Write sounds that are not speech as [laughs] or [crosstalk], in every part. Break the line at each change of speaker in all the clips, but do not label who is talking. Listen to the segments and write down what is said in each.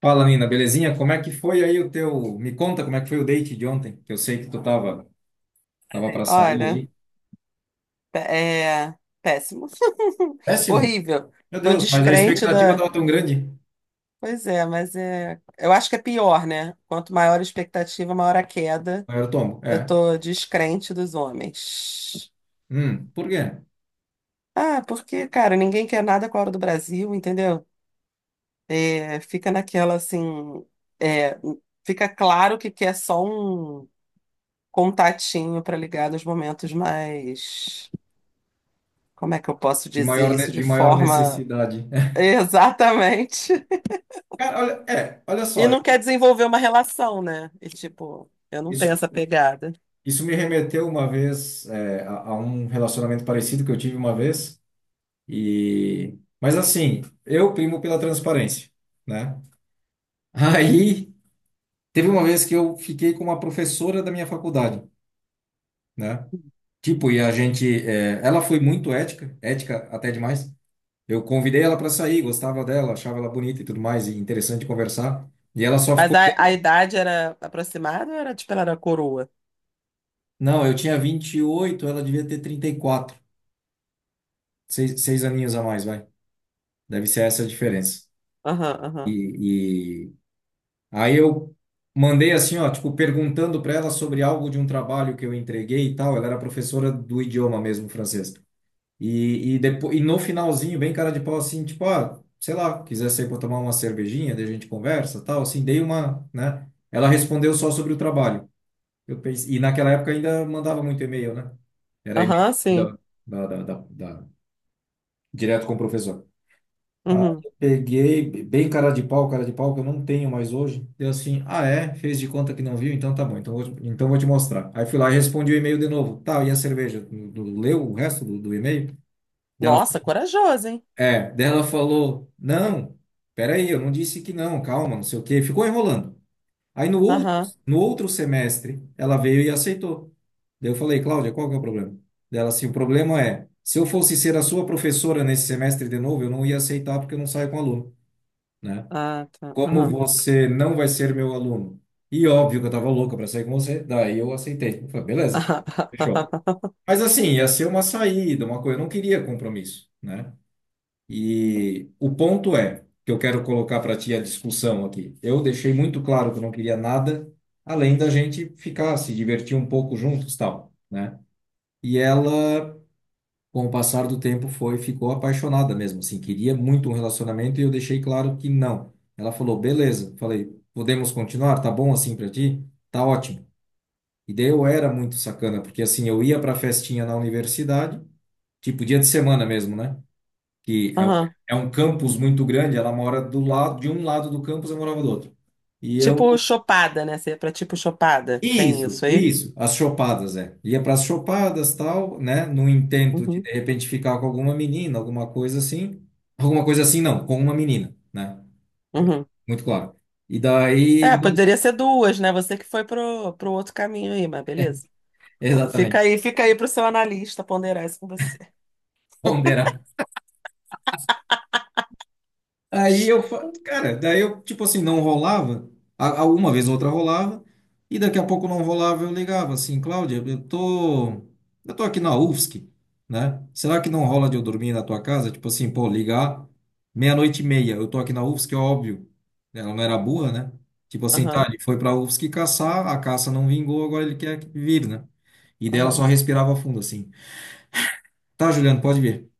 Fala, Nina, belezinha? Como é que foi aí o teu. Me conta como é que foi o date de ontem, que eu sei que tu tava para sair
Olha,
aí.
é péssimo. [laughs]
Péssimo!
Horrível.
Meu
Tô
Deus, mas a
descrente
expectativa
da.
tava tão grande.
Pois é, mas é. Eu acho que é pior, né? Quanto maior a expectativa, maior a queda.
Maior tomo,
Eu
é.
tô descrente dos homens.
Por quê?
Ah, porque, cara, ninguém quer nada com a hora do Brasil, entendeu? É, fica naquela assim. É, fica claro que quer só um contatinho para ligar nos momentos mais. Como é que eu posso
De
dizer
maior,
isso de
de maior
forma.
necessidade.
[laughs]
[laughs]
Exatamente.
Cara, olha, é, olha
E
só,
não quer desenvolver uma relação, né? E tipo, eu não tenho
isso,
essa pegada.
isso me remeteu uma vez a um relacionamento parecido que eu tive uma vez. E, mas assim, eu primo pela transparência, né? Aí teve uma vez que eu fiquei com uma professora da minha faculdade, né? Tipo, ela foi muito ética, ética até demais. Eu convidei ela para sair, gostava dela, achava ela bonita e tudo mais, e interessante conversar. E ela só
Mas
ficou.
a idade era aproximada ou era tipo, ela era coroa?
Não, eu tinha 28, ela devia ter 34. Seis aninhos a mais, vai. Deve ser essa a diferença.
Aham, aham.
E aí eu mandei assim, ó, tipo, perguntando para ela sobre algo de um trabalho que eu entreguei e tal. Ela era professora do idioma mesmo, francês. E depois, no finalzinho, bem cara de pau, assim, tipo, ah, sei lá, quiser sair para tomar uma cervejinha, daí a gente conversa, tal, assim, dei uma, né? Ela respondeu só sobre o trabalho. Eu pensei, e naquela época ainda mandava muito e-mail, né? Era e-mail
Aham, sim.
da direto com o professor. Aí
Uhum.
eu peguei, bem cara de pau, que eu não tenho mais hoje. Deu assim, ah, é? Fez de conta que não viu, então tá bom, então vou te mostrar. Aí fui lá e respondi o e-mail de novo. Tá, e a cerveja? Tu leu o resto do e-mail dela?
Nossa, corajoso, hein?
É, daí ela falou: não, peraí, eu não disse que não, calma, não sei o quê. Ficou enrolando. Aí no outro,
Aham.
no outro semestre, ela veio e aceitou. Daí eu falei: Cláudia, qual que é o problema? Daí ela assim: o problema é, se eu fosse ser a sua professora nesse semestre de novo, eu não ia aceitar porque eu não saio com aluno, né?
Ah, tá.
Como
Aham.
você não vai ser meu aluno? E óbvio que eu tava louca para sair com você, daí eu aceitei. Eu falei: beleza,
Aham.
fechou.
[laughs]
Mas assim, ia ser uma saída, uma coisa, eu não queria compromisso, né? E o ponto é que eu quero colocar para ti a discussão aqui. Eu deixei muito claro que eu não queria nada além da gente ficar, se divertir um pouco juntos, tal, né? E ela, com o passar do tempo, foi, ficou apaixonada mesmo, assim, queria muito um relacionamento e eu deixei claro que não. Ela falou, beleza. Falei, podemos continuar? Tá bom assim para ti? Tá ótimo. E daí eu era muito sacana, porque assim, eu ia para festinha na universidade, tipo dia de semana mesmo, né? que
Aham.
é, É um campus muito grande, ela mora do lado de um lado do campus, eu morava do outro. E eu
Tipo chopada, né? Você é pra tipo chopada. Tem
Isso,
isso aí?
isso, as chopadas, é. Ia para as chopadas, tal, né, no intento
Uhum.
de repente ficar com alguma menina, alguma coisa assim. Alguma coisa assim não, com uma menina, né?
Uhum.
Muito claro. E
É,
daí,
poderia ser duas, né? Você que foi pro outro caminho aí, mas beleza.
[laughs] exatamente.
Fica aí pro seu analista ponderar isso com você.
Ponderar. Aí eu, cara, daí eu, tipo assim, não rolava. Uma vez ou outra rolava. E daqui a pouco não rolava, eu ligava assim, Cláudia, eu tô aqui na UFSC, né? Será que não rola de eu dormir na tua casa? Tipo assim, pô, ligar meia-noite e meia, eu tô aqui na UFSC, é óbvio. Ela não era burra, né? Tipo assim, tá,
Aham,
ele foi pra UFSC caçar, a caça não vingou, agora ele quer vir, né? E dela
aham,
só respirava fundo assim. Tá, Juliano, pode vir,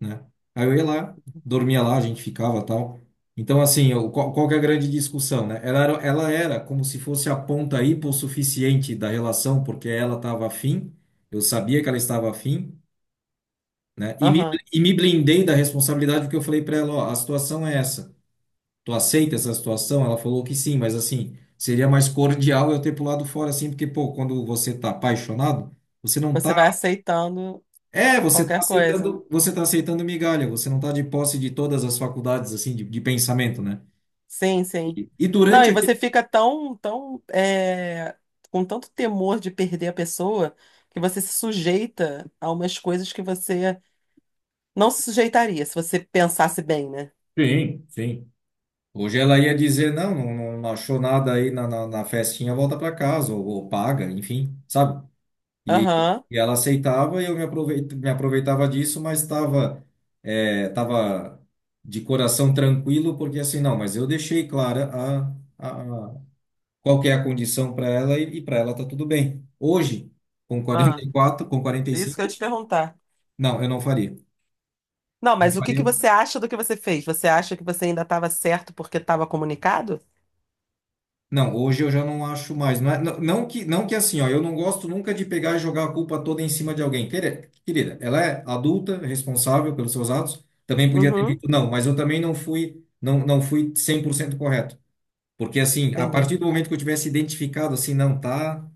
né? Aí eu ia lá, dormia lá, a gente ficava tal. Então, assim, eu, qual, qual que é a grande discussão, né? Ela era como se fosse a ponta hipossuficiente da relação, porque ela estava afim, eu sabia que ela estava afim, né? E me,
aham.
e me blindei da responsabilidade, porque eu falei para ela, ó, a situação é essa. Tu aceita essa situação? Ela falou que sim, mas assim, seria mais cordial eu ter pulado fora, assim, porque, pô, quando você tá apaixonado, você não tá
Você vai aceitando
é, você está
qualquer coisa.
aceitando, você tá aceitando migalha, você não está de posse de todas as faculdades assim de pensamento, né?
Sim, sim.
E
Não,
durante
e você
aquele.
fica tão com tanto temor de perder a pessoa que você se sujeita a umas coisas que você não se sujeitaria se você pensasse bem, né?
Sim, sim. Hoje ela ia dizer, não, não, não achou nada aí na festinha, volta para casa, ou paga, enfim, sabe? E,
Aham.
e ela aceitava e eu me aproveitava disso, mas tava de coração tranquilo, porque assim, não, mas eu deixei clara qual que é a condição para ela e para ela tá tudo bem. Hoje, com
Ah,
44, com quarenta e
isso que eu ia
cinco,
te perguntar.
não, eu não faria.
Não,
Não
mas o que
faria.
que você acha do que você fez? Você acha que você ainda estava certo porque estava comunicado?
Não, hoje eu já não acho mais. Não, não, não que assim, ó, eu não gosto nunca de pegar e jogar a culpa toda em cima de alguém. Querida, querida, ela é adulta, responsável pelos seus atos. Também podia ter
Uhum,
dito não, mas eu também não fui, não, não fui 100% correto. Porque assim, a
entendi.
partir do momento que eu tivesse identificado assim, não tá.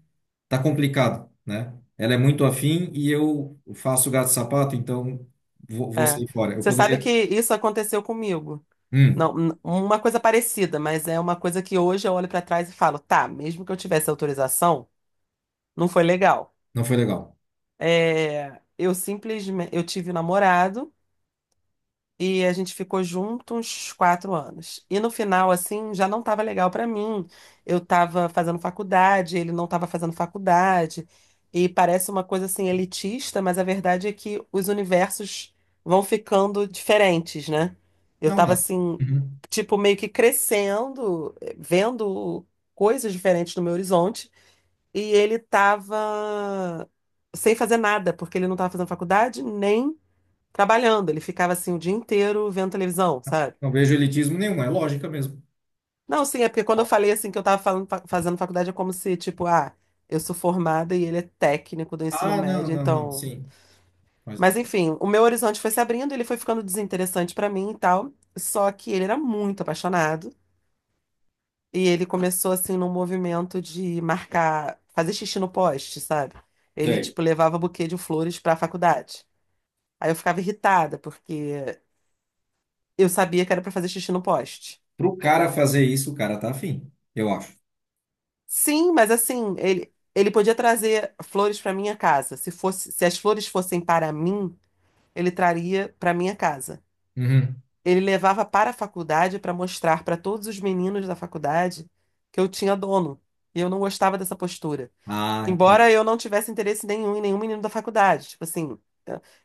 Tá complicado, né? Ela é muito afim e eu faço gato-sapato, então vou sair fora. Eu
Você sabe que
poderia.
isso aconteceu comigo.
Hum,
Não, n- Uma coisa parecida, mas é uma coisa que hoje eu olho para trás e falo, tá, mesmo que eu tivesse autorização, não foi legal.
não foi legal.
É, eu simplesmente, eu tive um namorado. E a gente ficou junto uns 4 anos. E no final, assim, já não estava legal para mim. Eu estava fazendo faculdade, ele não estava fazendo faculdade. E parece uma coisa assim elitista, mas a verdade é que os universos vão ficando diferentes, né? Eu
Não,
estava
nada.
assim,
Uhum.
tipo, meio que crescendo, vendo coisas diferentes no meu horizonte. E ele estava sem fazer nada, porque ele não estava fazendo faculdade, nem trabalhando, ele ficava assim o dia inteiro vendo televisão, sabe?
Não vejo elitismo nenhum, é lógica mesmo.
Não, sim, é porque quando eu falei assim que eu tava fazendo faculdade, é como se, tipo, ah, eu sou formada e ele é técnico do ensino
Ah, não,
médio,
não, não,
então.
sim. Mas
Mas enfim, o meu horizonte foi se abrindo, ele foi ficando desinteressante pra mim e tal. Só que ele era muito apaixonado e ele começou assim num movimento de marcar, fazer xixi no poste, sabe? Ele,
sei.
tipo, levava buquê de flores pra faculdade. Aí eu ficava irritada, porque eu sabia que era pra fazer xixi no poste.
Pro cara fazer isso, o cara tá afim, eu acho.
Sim, mas assim, ele podia trazer flores para minha casa. Se fosse, se as flores fossem para mim, ele traria para minha casa.
Uhum.
Ele levava para a faculdade para mostrar para todos os meninos da faculdade que eu tinha dono. E eu não gostava dessa postura.
Ah, entendi.
Embora eu não tivesse interesse nenhum em nenhum menino da faculdade. Tipo assim,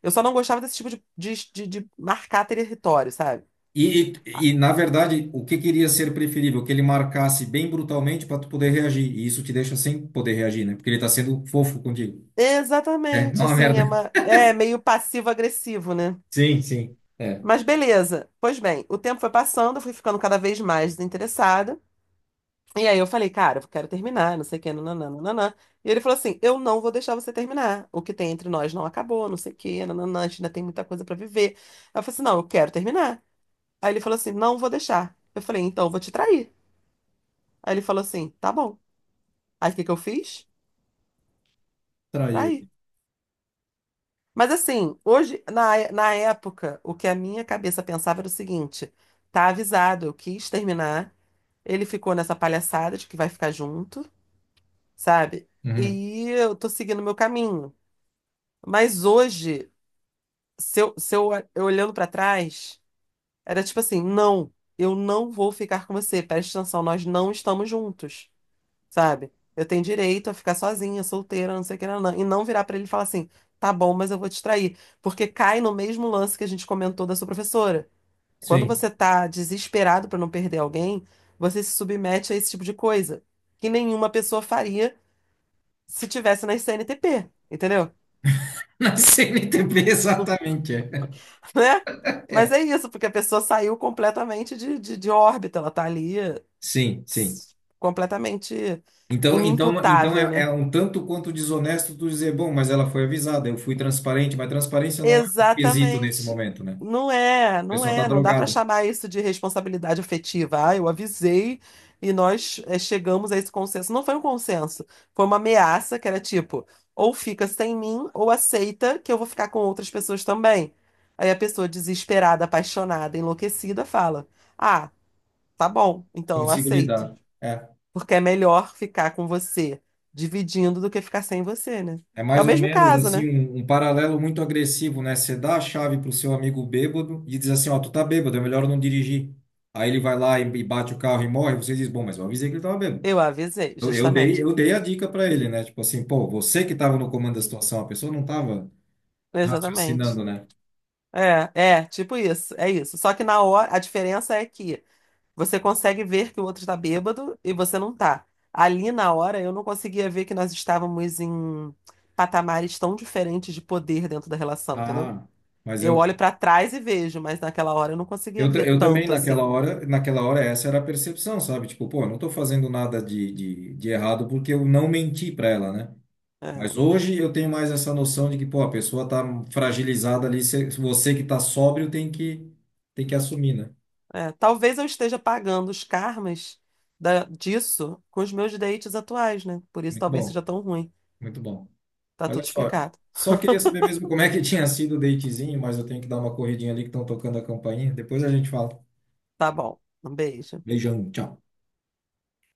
eu só não gostava desse tipo de marcar território, sabe?
E,
Ah,
e, e, na verdade, o que queria ser preferível? Que ele marcasse bem brutalmente para tu poder reagir. E isso te deixa sem poder reagir, né? Porque ele tá sendo fofo contigo. É,
exatamente,
não é uma
assim, é
merda.
é meio passivo-agressivo, né?
Sim, sim. É.
Mas beleza. Pois bem, o tempo foi passando, eu fui ficando cada vez mais desinteressada. E aí eu falei, cara, eu quero terminar, não sei o que, nananã, nananã. E ele falou assim: eu não vou deixar você terminar. O que tem entre nós não acabou, não sei o que, nananã, a gente ainda tem muita coisa pra viver. Eu falei assim: não, eu quero terminar. Aí ele falou assim: não vou deixar. Eu falei: então eu vou te trair. Aí ele falou assim: tá bom. Aí o que que eu fiz?
Traiu
Traí.
ele.
Mas assim, hoje, na época, o que a minha cabeça pensava era o seguinte: tá avisado, eu quis terminar, ele ficou nessa palhaçada de que vai ficar junto, sabe?
Uhum.
E eu tô seguindo o meu caminho. Mas hoje, se eu, se eu, eu olhando pra trás, era tipo assim: não, eu não vou ficar com você, presta atenção, nós não estamos juntos, sabe? Eu tenho direito a ficar sozinha, solteira, não sei o que, não, não. E não virar pra ele e falar assim, tá bom, mas eu vou te trair. Porque cai no mesmo lance que a gente comentou da sua professora. Quando
Sim.
você tá desesperado pra não perder alguém, você se submete a esse tipo de coisa que nenhuma pessoa faria se tivesse na CNTP, entendeu? [laughs]
[laughs] Na CNTP, exatamente. É.
Né? Mas é isso, porque a pessoa saiu completamente de órbita, ela tá ali
Sim, sim.
completamente
Então
inimputável,
é, é
né?
um tanto quanto desonesto tu dizer, bom, mas ela foi avisada, eu fui transparente, mas transparência não é um quesito nesse
Exatamente.
momento, né? A
Não
pessoa está
é, não dá para
drogada,
chamar isso de responsabilidade afetiva. Ah, eu avisei e nós chegamos a esse consenso. Não foi um consenso, foi uma ameaça que era tipo, ou fica sem mim, ou aceita que eu vou ficar com outras pessoas também. Aí a pessoa desesperada, apaixonada, enlouquecida fala: Ah, tá bom, então eu
consigo
aceito,
lidar. É,
porque é melhor ficar com você dividindo do que ficar sem você, né?
é
É o
mais ou
mesmo
menos
caso, né?
assim um paralelo muito agressivo, né? Você dá a chave pro seu amigo bêbado e diz assim, ó, tu tá bêbado, é melhor não dirigir. Aí ele vai lá e bate o carro e morre, você diz, bom, mas eu avisei que ele estava bêbado.
Eu avisei,
Eu, eu dei,
justamente.
eu dei a dica para ele, né? Tipo assim, pô, você que estava no comando da situação, a pessoa não estava
Exatamente.
raciocinando, né?
Tipo isso, é isso. Só que na hora, a diferença é que você consegue ver que o outro tá bêbado e você não tá. Ali na hora eu não conseguia ver que nós estávamos em patamares tão diferentes de poder dentro da relação, entendeu?
Ah, mas
Eu
eu,
olho pra trás e vejo, mas naquela hora eu não conseguia
eu, ta-
ver
eu também
tanto
naquela
assim.
hora, naquela hora essa era a percepção, sabe? Tipo, pô, eu não estou fazendo nada de errado porque eu não menti para ela, né? Mas
É,
hoje eu tenho mais essa noção de que, pô, a pessoa tá fragilizada ali, você que tá sóbrio tem que assumir, né?
Talvez eu esteja pagando os karmas disso com os meus dates atuais, né? Por isso
Muito
talvez
bom,
seja tão ruim.
muito bom.
Tá tudo
Olha só,
explicado.
só queria saber mesmo como é que [laughs] tinha sido o datezinho, mas eu tenho que dar uma corridinha ali que estão tocando a campainha. Depois a gente fala.
Tá bom. Um beijo.
Beijão, tchau.